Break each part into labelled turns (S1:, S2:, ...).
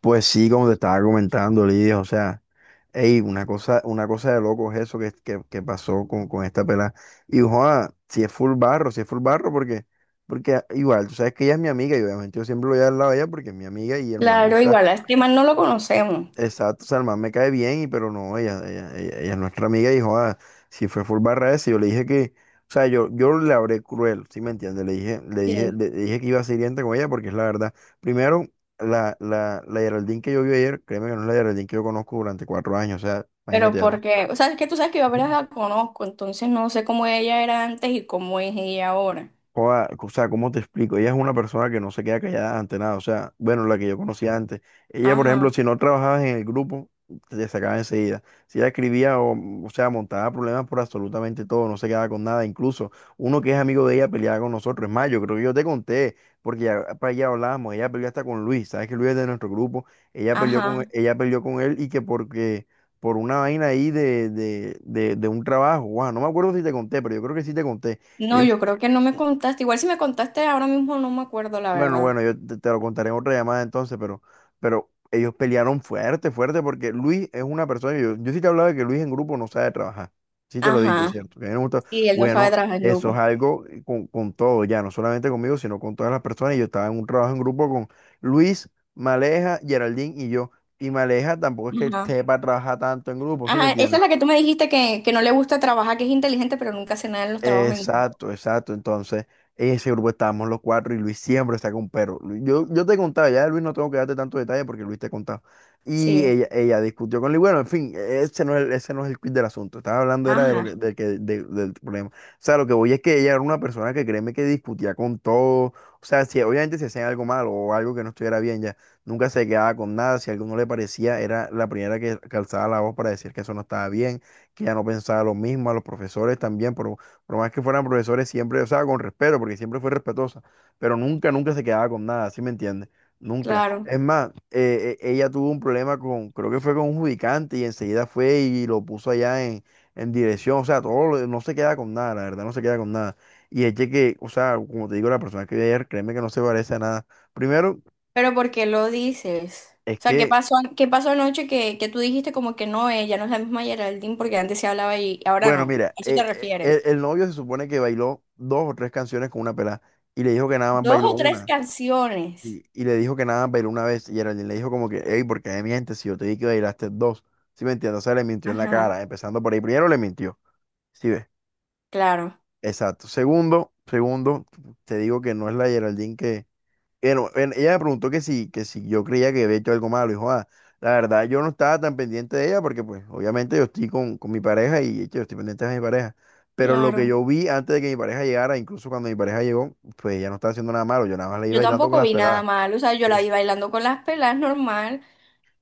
S1: Pues sí, como te estaba comentando, Lidia, o sea, ey, una cosa de loco es eso que pasó con esta pelada. Y joda, si es full barro, si es full barro, porque, porque igual, tú sabes que ella es mi amiga y obviamente yo siempre lo voy a dar al lado de ella porque es mi amiga y hermano.
S2: Claro, igual a este man no lo conocemos.
S1: Exacto, o sea, el man me cae bien, pero no, ella es nuestra amiga y dijo, ah, si fue full barra ese, yo le dije que, o sea, yo le hablé cruel, ¿sí me entiendes? Le dije, le dije,
S2: Sí.
S1: le dije que iba a ser hiriente con ella porque es la verdad. Primero, la Geraldine que yo vi ayer, créeme que no es la Geraldine que yo conozco durante 4 años, o sea,
S2: Pero
S1: imagínate eso.
S2: porque, o sea, es que tú sabes que yo apenas la conozco, entonces no sé cómo ella era antes y cómo es ella ahora.
S1: Joda, o sea, ¿cómo te explico? Ella es una persona que no se queda callada ante nada. O sea, bueno, la que yo conocía antes. Ella, por ejemplo,
S2: Ajá,
S1: si no trabajabas en el grupo, te sacaba enseguida. Si ella escribía, o sea, montaba problemas por absolutamente todo, no se quedaba con nada. Incluso uno que es amigo de ella peleaba con nosotros. Es más, yo creo que yo te conté, porque ya para allá hablábamos. Ella peleó hasta con Luis. ¿Sabes que Luis es de nuestro grupo?
S2: ajá.
S1: Ella peleó con él y que porque... por una vaina ahí de un trabajo, guau, no me acuerdo si te conté, pero yo creo que sí te conté.
S2: No,
S1: Ellos
S2: yo creo que no me contaste. Igual si me contaste ahora mismo no me acuerdo, la
S1: Bueno, bueno,
S2: verdad.
S1: yo te lo contaré en otra llamada entonces, pero ellos pelearon fuerte, fuerte, porque Luis es una persona, yo sí te hablaba de que Luis en grupo no sabe trabajar, sí te lo he dicho,
S2: Ajá.
S1: ¿cierto? Que a mí no me gusta-
S2: Y él no sabe
S1: Bueno,
S2: trabajar en
S1: eso es
S2: grupo.
S1: algo con todo, ya, no solamente conmigo, sino con todas las personas, y yo estaba en un trabajo en grupo con Luis, Maleja, Geraldine y yo, y Maleja tampoco es que
S2: Ajá.
S1: esté para trabajar tanto en grupo, ¿sí me
S2: Ajá, esa
S1: entiendes?
S2: es la que tú me dijiste que, no le gusta trabajar, que es inteligente, pero nunca hace nada en los trabajos en grupo.
S1: Exacto, exacto. Entonces, en ese grupo estábamos los cuatro y Luis siempre está con perro. Yo te contaba, ya de Luis no tengo que darte tanto detalle porque Luis te contaba. Y
S2: Sí.
S1: ella discutió con Luis. Bueno, en fin, ese no es el quid del asunto. Estaba hablando era de lo que,
S2: Ajá,
S1: del problema. O sea, lo que voy es que ella era una persona que créeme que discutía con todo. O sea, si obviamente si hacían algo malo o algo que no estuviera bien ya, nunca se quedaba con nada. Si algo no le parecía, era la primera que calzaba la voz para decir que eso no estaba bien, que ella no pensaba lo mismo, a los profesores también, pero por más que fueran profesores, siempre, o sea, con respeto, porque siempre fue respetuosa, pero nunca, nunca se quedaba con nada, ¿sí me entiendes? Nunca.
S2: claro.
S1: Es más, ella tuvo un problema con, creo que fue con un judicante y enseguida fue y lo puso allá en dirección, o sea, todo, no se queda con nada, la verdad, no se queda con nada. Y es o sea, como te digo, la persona que vi ayer, créeme que no se parece a nada. Primero,
S2: Pero ¿por qué lo dices?
S1: es
S2: O sea,
S1: que,
S2: qué pasó anoche que, tú dijiste como que no, ella no es la misma Geraldine porque antes se hablaba y ahora
S1: bueno,
S2: no?
S1: mira,
S2: ¿A eso te refieres?
S1: el novio se supone que bailó 2 o 3 canciones con una pelada y le dijo que nada más
S2: Dos
S1: bailó
S2: o tres
S1: una.
S2: canciones.
S1: Y le dijo que nada más bailó una vez. Y Geraldine le dijo como que, hey, ¿por qué mi gente? Si yo te dije que bailaste dos. ¿Sí me entiendes? O sea, le mintió en la
S2: Ajá,
S1: cara. Empezando por ahí. Primero le mintió. ¿Sí ves?
S2: claro,
S1: Exacto. Segundo, segundo, te digo que no es la Geraldine que... Bueno, ella me preguntó que si yo creía que había hecho algo malo. Y dijo, ah, la verdad yo no estaba tan pendiente de ella porque pues obviamente yo estoy con mi pareja y yo estoy pendiente de mi pareja. Pero lo que
S2: claro.
S1: yo vi antes de que mi pareja llegara, incluso cuando mi pareja llegó, pues ella no estaba haciendo nada malo. Yo nada más le iba
S2: Yo
S1: bailando con
S2: tampoco
S1: las
S2: vi nada
S1: peladas.
S2: mal, o sea, yo la vi bailando con las pelas normal.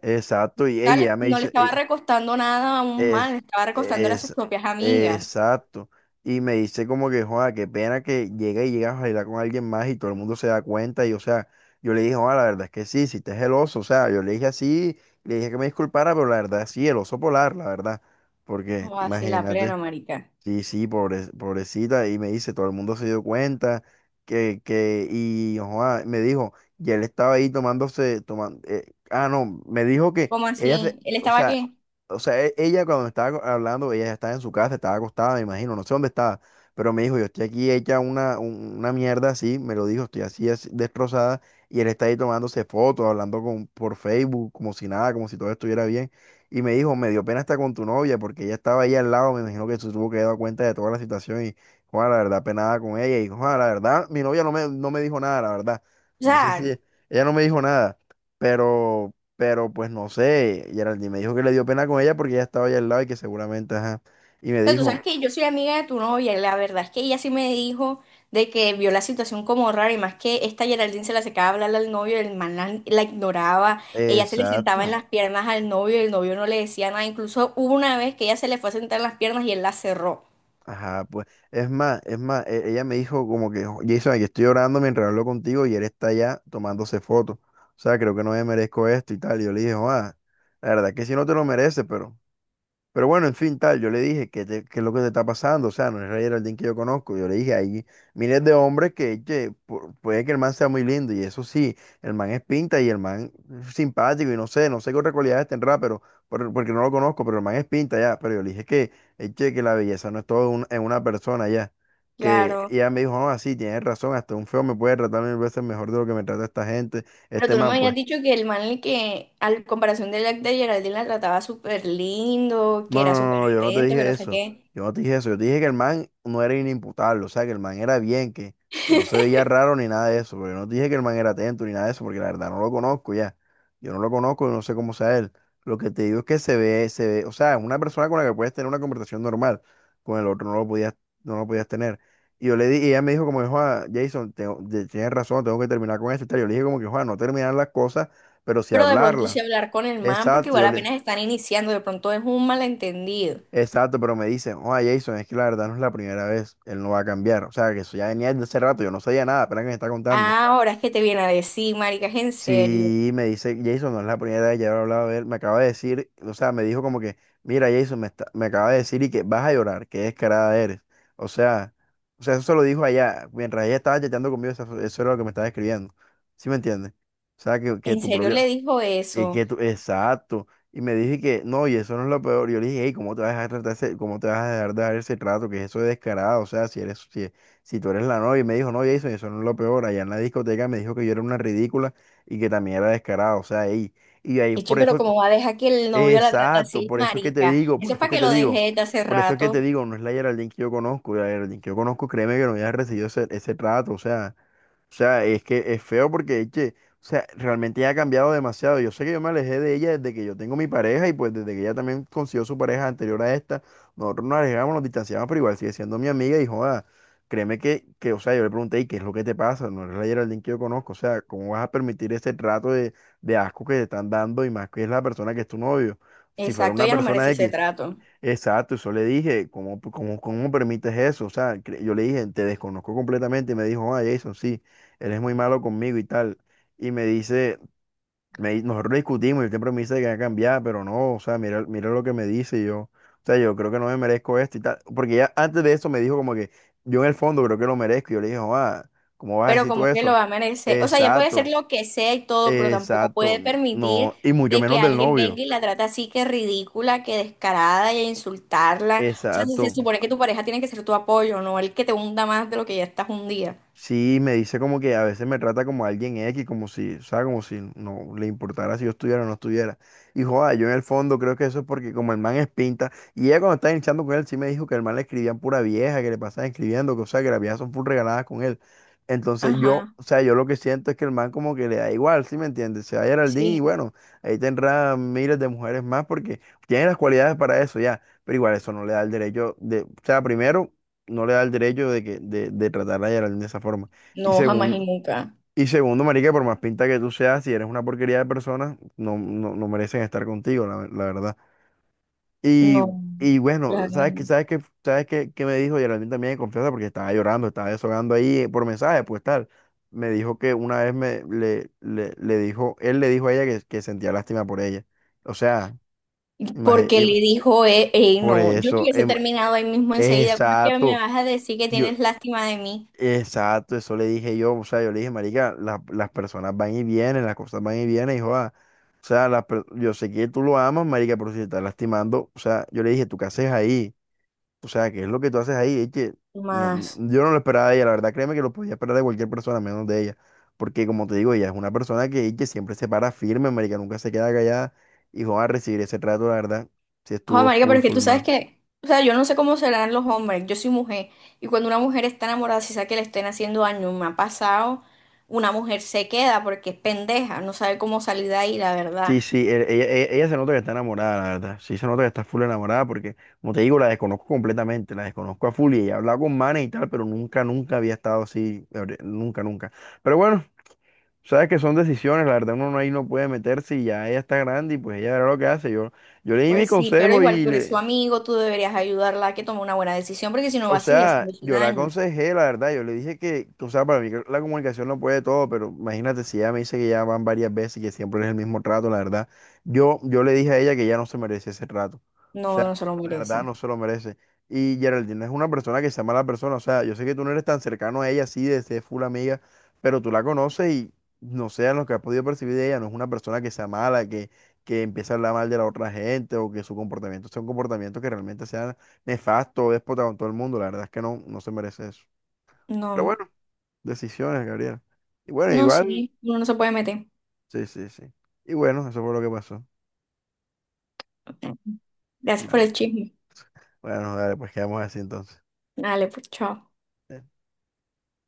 S1: Exacto, y
S2: O
S1: ella me
S2: no le
S1: dice,
S2: estaba recostando nada a un mal,
S1: es,
S2: le estaba recostando era a sus
S1: es,
S2: propias amigas.
S1: exacto, y me dice como que, joda, qué pena que llega y llegas a bailar con alguien más y todo el mundo se da cuenta, y o sea, yo le dije, joda, la verdad es que sí, si te es el oso, o sea, yo le dije así, le dije que me disculpara, pero la verdad sí, el oso polar, la verdad, porque
S2: O así, la
S1: imagínate.
S2: plena, marica.
S1: Sí, sí, pobrecita. Y me dice, todo el mundo se dio cuenta y joa, me dijo, y él estaba ahí tomando, ah, no, me dijo que
S2: ¿Cómo así? ¿Él
S1: o
S2: estaba
S1: sea,
S2: qué?
S1: ella cuando me estaba hablando, ella ya estaba en su casa, estaba acostada, me imagino, no sé dónde estaba, pero me dijo, yo estoy aquí hecha una mierda así, me lo dijo, estoy así, así destrozada, y él está ahí tomándose fotos, hablando por Facebook, como si nada, como si todo estuviera bien. Y me dijo, me dio pena estar con tu novia, porque ella estaba ahí al lado, me imagino que se tuvo que dar cuenta de toda la situación y, Juan, la verdad, penada con ella. Y, Juan, la verdad, mi novia no me dijo nada, la verdad.
S2: O
S1: No sé si,
S2: sea,
S1: ella no me dijo nada, pero, pues no sé, Geraldine me dijo que le dio pena con ella porque ella estaba ahí al lado y que seguramente, ajá. Y me
S2: tú sabes
S1: dijo,
S2: que yo soy amiga de tu novia, y la verdad es que ella sí me dijo de que vio la situación como rara y más que esta Geraldine se la secaba a hablarle al novio, el man la ignoraba, ella se le sentaba en
S1: exacto.
S2: las piernas al novio y el novio no le decía nada, incluso hubo una vez que ella se le fue a sentar en las piernas y él la cerró.
S1: Ajá, pues, es más, ella me dijo como que: Jason, aquí estoy orando mientras hablo contigo y él está allá tomándose fotos. O sea, creo que no me merezco esto y tal". Y yo le dije, ah, la verdad es que sí no te lo mereces, pero bueno, en fin, tal, yo le dije que, que es lo que te está pasando, o sea, no es Ray Geraldine que yo conozco. Yo le dije, hay miles de hombres que, che, puede que el man sea muy lindo, y eso sí, el man es pinta y el man es simpático, y no sé, no sé qué otras cualidades tendrá, pero, porque no lo conozco, pero el man es pinta ya, pero yo le dije que, che, que la belleza no es todo en una persona ya, que y
S2: Claro,
S1: ella me dijo, no, así, tienes razón, hasta un feo me puede tratar 1.000 veces mejor de lo que me trata esta gente,
S2: pero
S1: este
S2: tú no
S1: man,
S2: me habías
S1: pues.
S2: dicho que el man el que al comparación de la de Geraldine la trataba súper lindo, que
S1: No, no,
S2: era
S1: no,
S2: súper
S1: no, yo no te
S2: atento, que
S1: dije
S2: no sé
S1: eso.
S2: qué,
S1: Yo no te dije eso. Yo te dije que el man no era inimputable, o sea, que el man era bien, que no se veía raro ni nada de eso. Pero yo no te dije que el man era atento ni nada de eso, porque la verdad no lo conozco ya. Yo no lo conozco y no sé cómo sea él. Lo que te digo es que se ve, o sea, es una persona con la que puedes tener una conversación normal. Con el otro no lo podías tener. Y y ella me dijo como, Juan, Jason, tienes razón, tengo que terminar con esto y tal. Yo le dije como que, Juan, no terminar las cosas, pero sí
S2: pero de pronto
S1: hablarlas.
S2: sí hablar con el man porque
S1: Exacto,
S2: igual apenas están iniciando, de pronto es un malentendido.
S1: exacto, pero me dicen, oh, Jason, es que la verdad no es la primera vez, él no va a cambiar. O sea, que eso ya venía desde hace rato, yo no sabía nada, apenas que me está contando.
S2: Ah, ahora es que te viene a decir, marica, es en serio.
S1: Sí, me dice, Jason, no es la primera vez, ya he hablado de él, me acaba de decir, o sea, me dijo como que, mira, Jason, me acaba de decir y que vas a llorar, que descarada eres. O sea, eso se lo dijo allá, mientras ella estaba chateando conmigo, eso era lo que me estaba escribiendo. ¿Sí me entiendes? O sea, que
S2: En
S1: tu
S2: serio le
S1: propio,
S2: dijo
S1: y
S2: eso.
S1: que tú, exacto. Y me dije que, no, y eso no es lo peor. Yo le dije, hey, ¿cómo te vas a dejar dar ese trato? Que eso es descarado. O sea, si tú eres la novia. Y me dijo, no, Jason, eso no es lo peor. Allá en la discoteca me dijo que yo era una ridícula y que también era descarado. O sea, ey. Y ahí,
S2: Eche, pero ¿cómo va a dejar que el novio la trate
S1: exacto,
S2: así,
S1: por esto es que te
S2: marica?
S1: digo, por
S2: Eso es
S1: esto es
S2: para
S1: que
S2: que
S1: te
S2: lo
S1: digo,
S2: deje desde hace
S1: por esto es que te
S2: rato.
S1: digo, no es la Geraldine que yo conozco. La Geraldine que yo conozco, créeme que no había recibido ese trato. O sea. O sea, es que es feo o sea, realmente ella ha cambiado demasiado. Yo sé que yo me alejé de ella desde que yo tengo mi pareja, y pues desde que ella también consiguió su pareja anterior a esta, nosotros nos alejamos, nos distanciamos, pero igual sigue siendo mi amiga. Y joda, créeme o sea, yo le pregunté, ¿y qué es lo que te pasa? No eres la Geraldine que yo conozco. O sea, ¿cómo vas a permitir ese trato de asco que te están dando? Y más que es la persona que es tu novio. Si fuera
S2: Exacto,
S1: una
S2: ella no
S1: persona
S2: merece ese
S1: X.
S2: trato.
S1: Exacto, eso le dije, cómo permites eso? O sea, yo le dije, te desconozco completamente. Y me dijo, ah, Jason, sí, él es muy malo conmigo y tal. Y me dice, nosotros discutimos y él siempre me dice que va a cambiar, pero no. O sea, mira lo que me dice. Y yo, o sea, yo creo que no me merezco esto y tal. Porque ya antes de eso me dijo como que yo en el fondo creo que lo merezco. Y yo le dije, ah, ¿cómo vas a
S2: Pero
S1: decir tú
S2: como que lo
S1: eso?
S2: va a merecer. O sea, ella puede hacer
S1: Exacto,
S2: lo que sea y todo, pero tampoco
S1: exacto,
S2: puede permitir
S1: no, y mucho
S2: de que
S1: menos del
S2: alguien
S1: novio,
S2: venga y la trate así, que ridícula, que descarada y a insultarla. O sea, se
S1: exacto.
S2: supone que tu pareja tiene que ser tu apoyo, no el que te hunda más de lo que ya estás hundida.
S1: Sí, me dice como que a veces me trata como alguien X, como si, o sea, como si no le importara si yo estuviera o no estuviera. Y joda, yo en el fondo creo que eso es porque como el man es pinta, y ella cuando estaba hinchando con él sí me dijo que el man le escribían pura vieja, que le pasaban escribiendo, que o sea, que las viejas son full regaladas con él. Entonces yo,
S2: Ajá,
S1: o sea, yo lo que siento es que el man como que le da igual, ¿sí me entiendes? Se va a Geraldine y
S2: sí.
S1: bueno, ahí tendrá miles de mujeres más, porque tiene las cualidades para eso ya, pero igual eso no le da el derecho de, o sea, primero no le da el derecho de tratar a Geraldine de esa forma. Y
S2: No, jamás y
S1: segundo,
S2: nunca.
S1: y segundo, marica, por más pinta que tú seas, si eres una porquería de persona, no, no, no merecen estar contigo, la verdad. Y,
S2: No,
S1: y
S2: la
S1: bueno,
S2: gran-
S1: sabes qué, qué me dijo Geraldine también de confianza? Porque estaba llorando, estaba deshogando ahí por mensaje, pues tal. Me dijo que una vez le dijo, él le dijo a ella que sentía lástima por ella. O sea,
S2: porque
S1: imagínate,
S2: le dijo, ey,
S1: por
S2: no, yo le
S1: eso,
S2: hubiese terminado ahí mismo enseguida. ¿Cómo es que me
S1: exacto.
S2: vas a decir que
S1: Yo,
S2: tienes lástima de mí?
S1: exacto, eso le dije yo. O sea, yo le dije, marica, las personas van y vienen, las cosas van y vienen, hijo joda, o sea, yo sé que tú lo amas, marica, pero si te estás lastimando, o sea, yo le dije, ¿tú qué haces ahí? O sea, ¿qué es lo que tú haces ahí? Es que
S2: No
S1: no,
S2: más.
S1: yo no lo esperaba de ella, la verdad. Créeme que lo podía esperar de cualquier persona, menos de ella, porque como te digo, ella es una persona que, y que siempre se para firme, marica, nunca se queda callada. Y joda, recibir ese trato, la verdad, sí
S2: Ojo,
S1: estuvo
S2: marica, pero
S1: full,
S2: es que tú
S1: full
S2: sabes
S1: mal.
S2: que, o sea, yo no sé cómo serán los hombres, yo soy mujer, y cuando una mujer está enamorada, si sabe que le estén haciendo daño, me ha pasado, una mujer se queda porque es pendeja, no sabe cómo salir de ahí, la
S1: Sí,
S2: verdad.
S1: sí, ella, ella se nota que está enamorada, la verdad. Sí, se nota que está full enamorada porque, como te digo, la desconozco completamente, la desconozco a full. Y ella ha hablado con manes y tal, pero nunca, nunca había estado así, nunca, nunca. Pero bueno, sabes que son decisiones, la verdad, uno no- ahí no puede meterse, y ya ella está grande y pues ella verá lo que hace. Yo le di mi
S2: Pues sí, pero
S1: consejo
S2: igual tú eres su amigo, tú deberías ayudarla a que tome una buena decisión, porque si no va
S1: o
S2: a seguir
S1: sea,
S2: haciendo
S1: yo la
S2: daño.
S1: aconsejé, la verdad. Yo le dije o sea, para mí que la comunicación no puede todo, pero imagínate si ella me dice que ya van varias veces y que siempre es el mismo trato, la verdad. Yo le dije a ella que ya no se merece ese trato. O
S2: No, no
S1: sea,
S2: se lo
S1: la verdad
S2: merece.
S1: no se lo merece. Y Geraldine es una persona que sea mala persona, o sea, yo sé que tú no eres tan cercano a ella así de ser full amiga, pero tú la conoces y no sé, en lo que has podido percibir de ella, no es una persona que sea mala, que empiece a hablar mal de la otra gente, o que su comportamiento sea un comportamiento que realmente sea nefasto, déspota con todo el mundo. La verdad es que no, no se merece eso. Pero
S2: No.
S1: bueno, decisiones, Gabriel. Y bueno,
S2: No,
S1: igual,
S2: sí, uno no se puede meter.
S1: sí, sí, sí. Y bueno, eso fue lo que pasó.
S2: Gracias por
S1: Bueno,
S2: el chisme.
S1: bueno, dale, pues quedamos así entonces.
S2: Dale, pues, chao.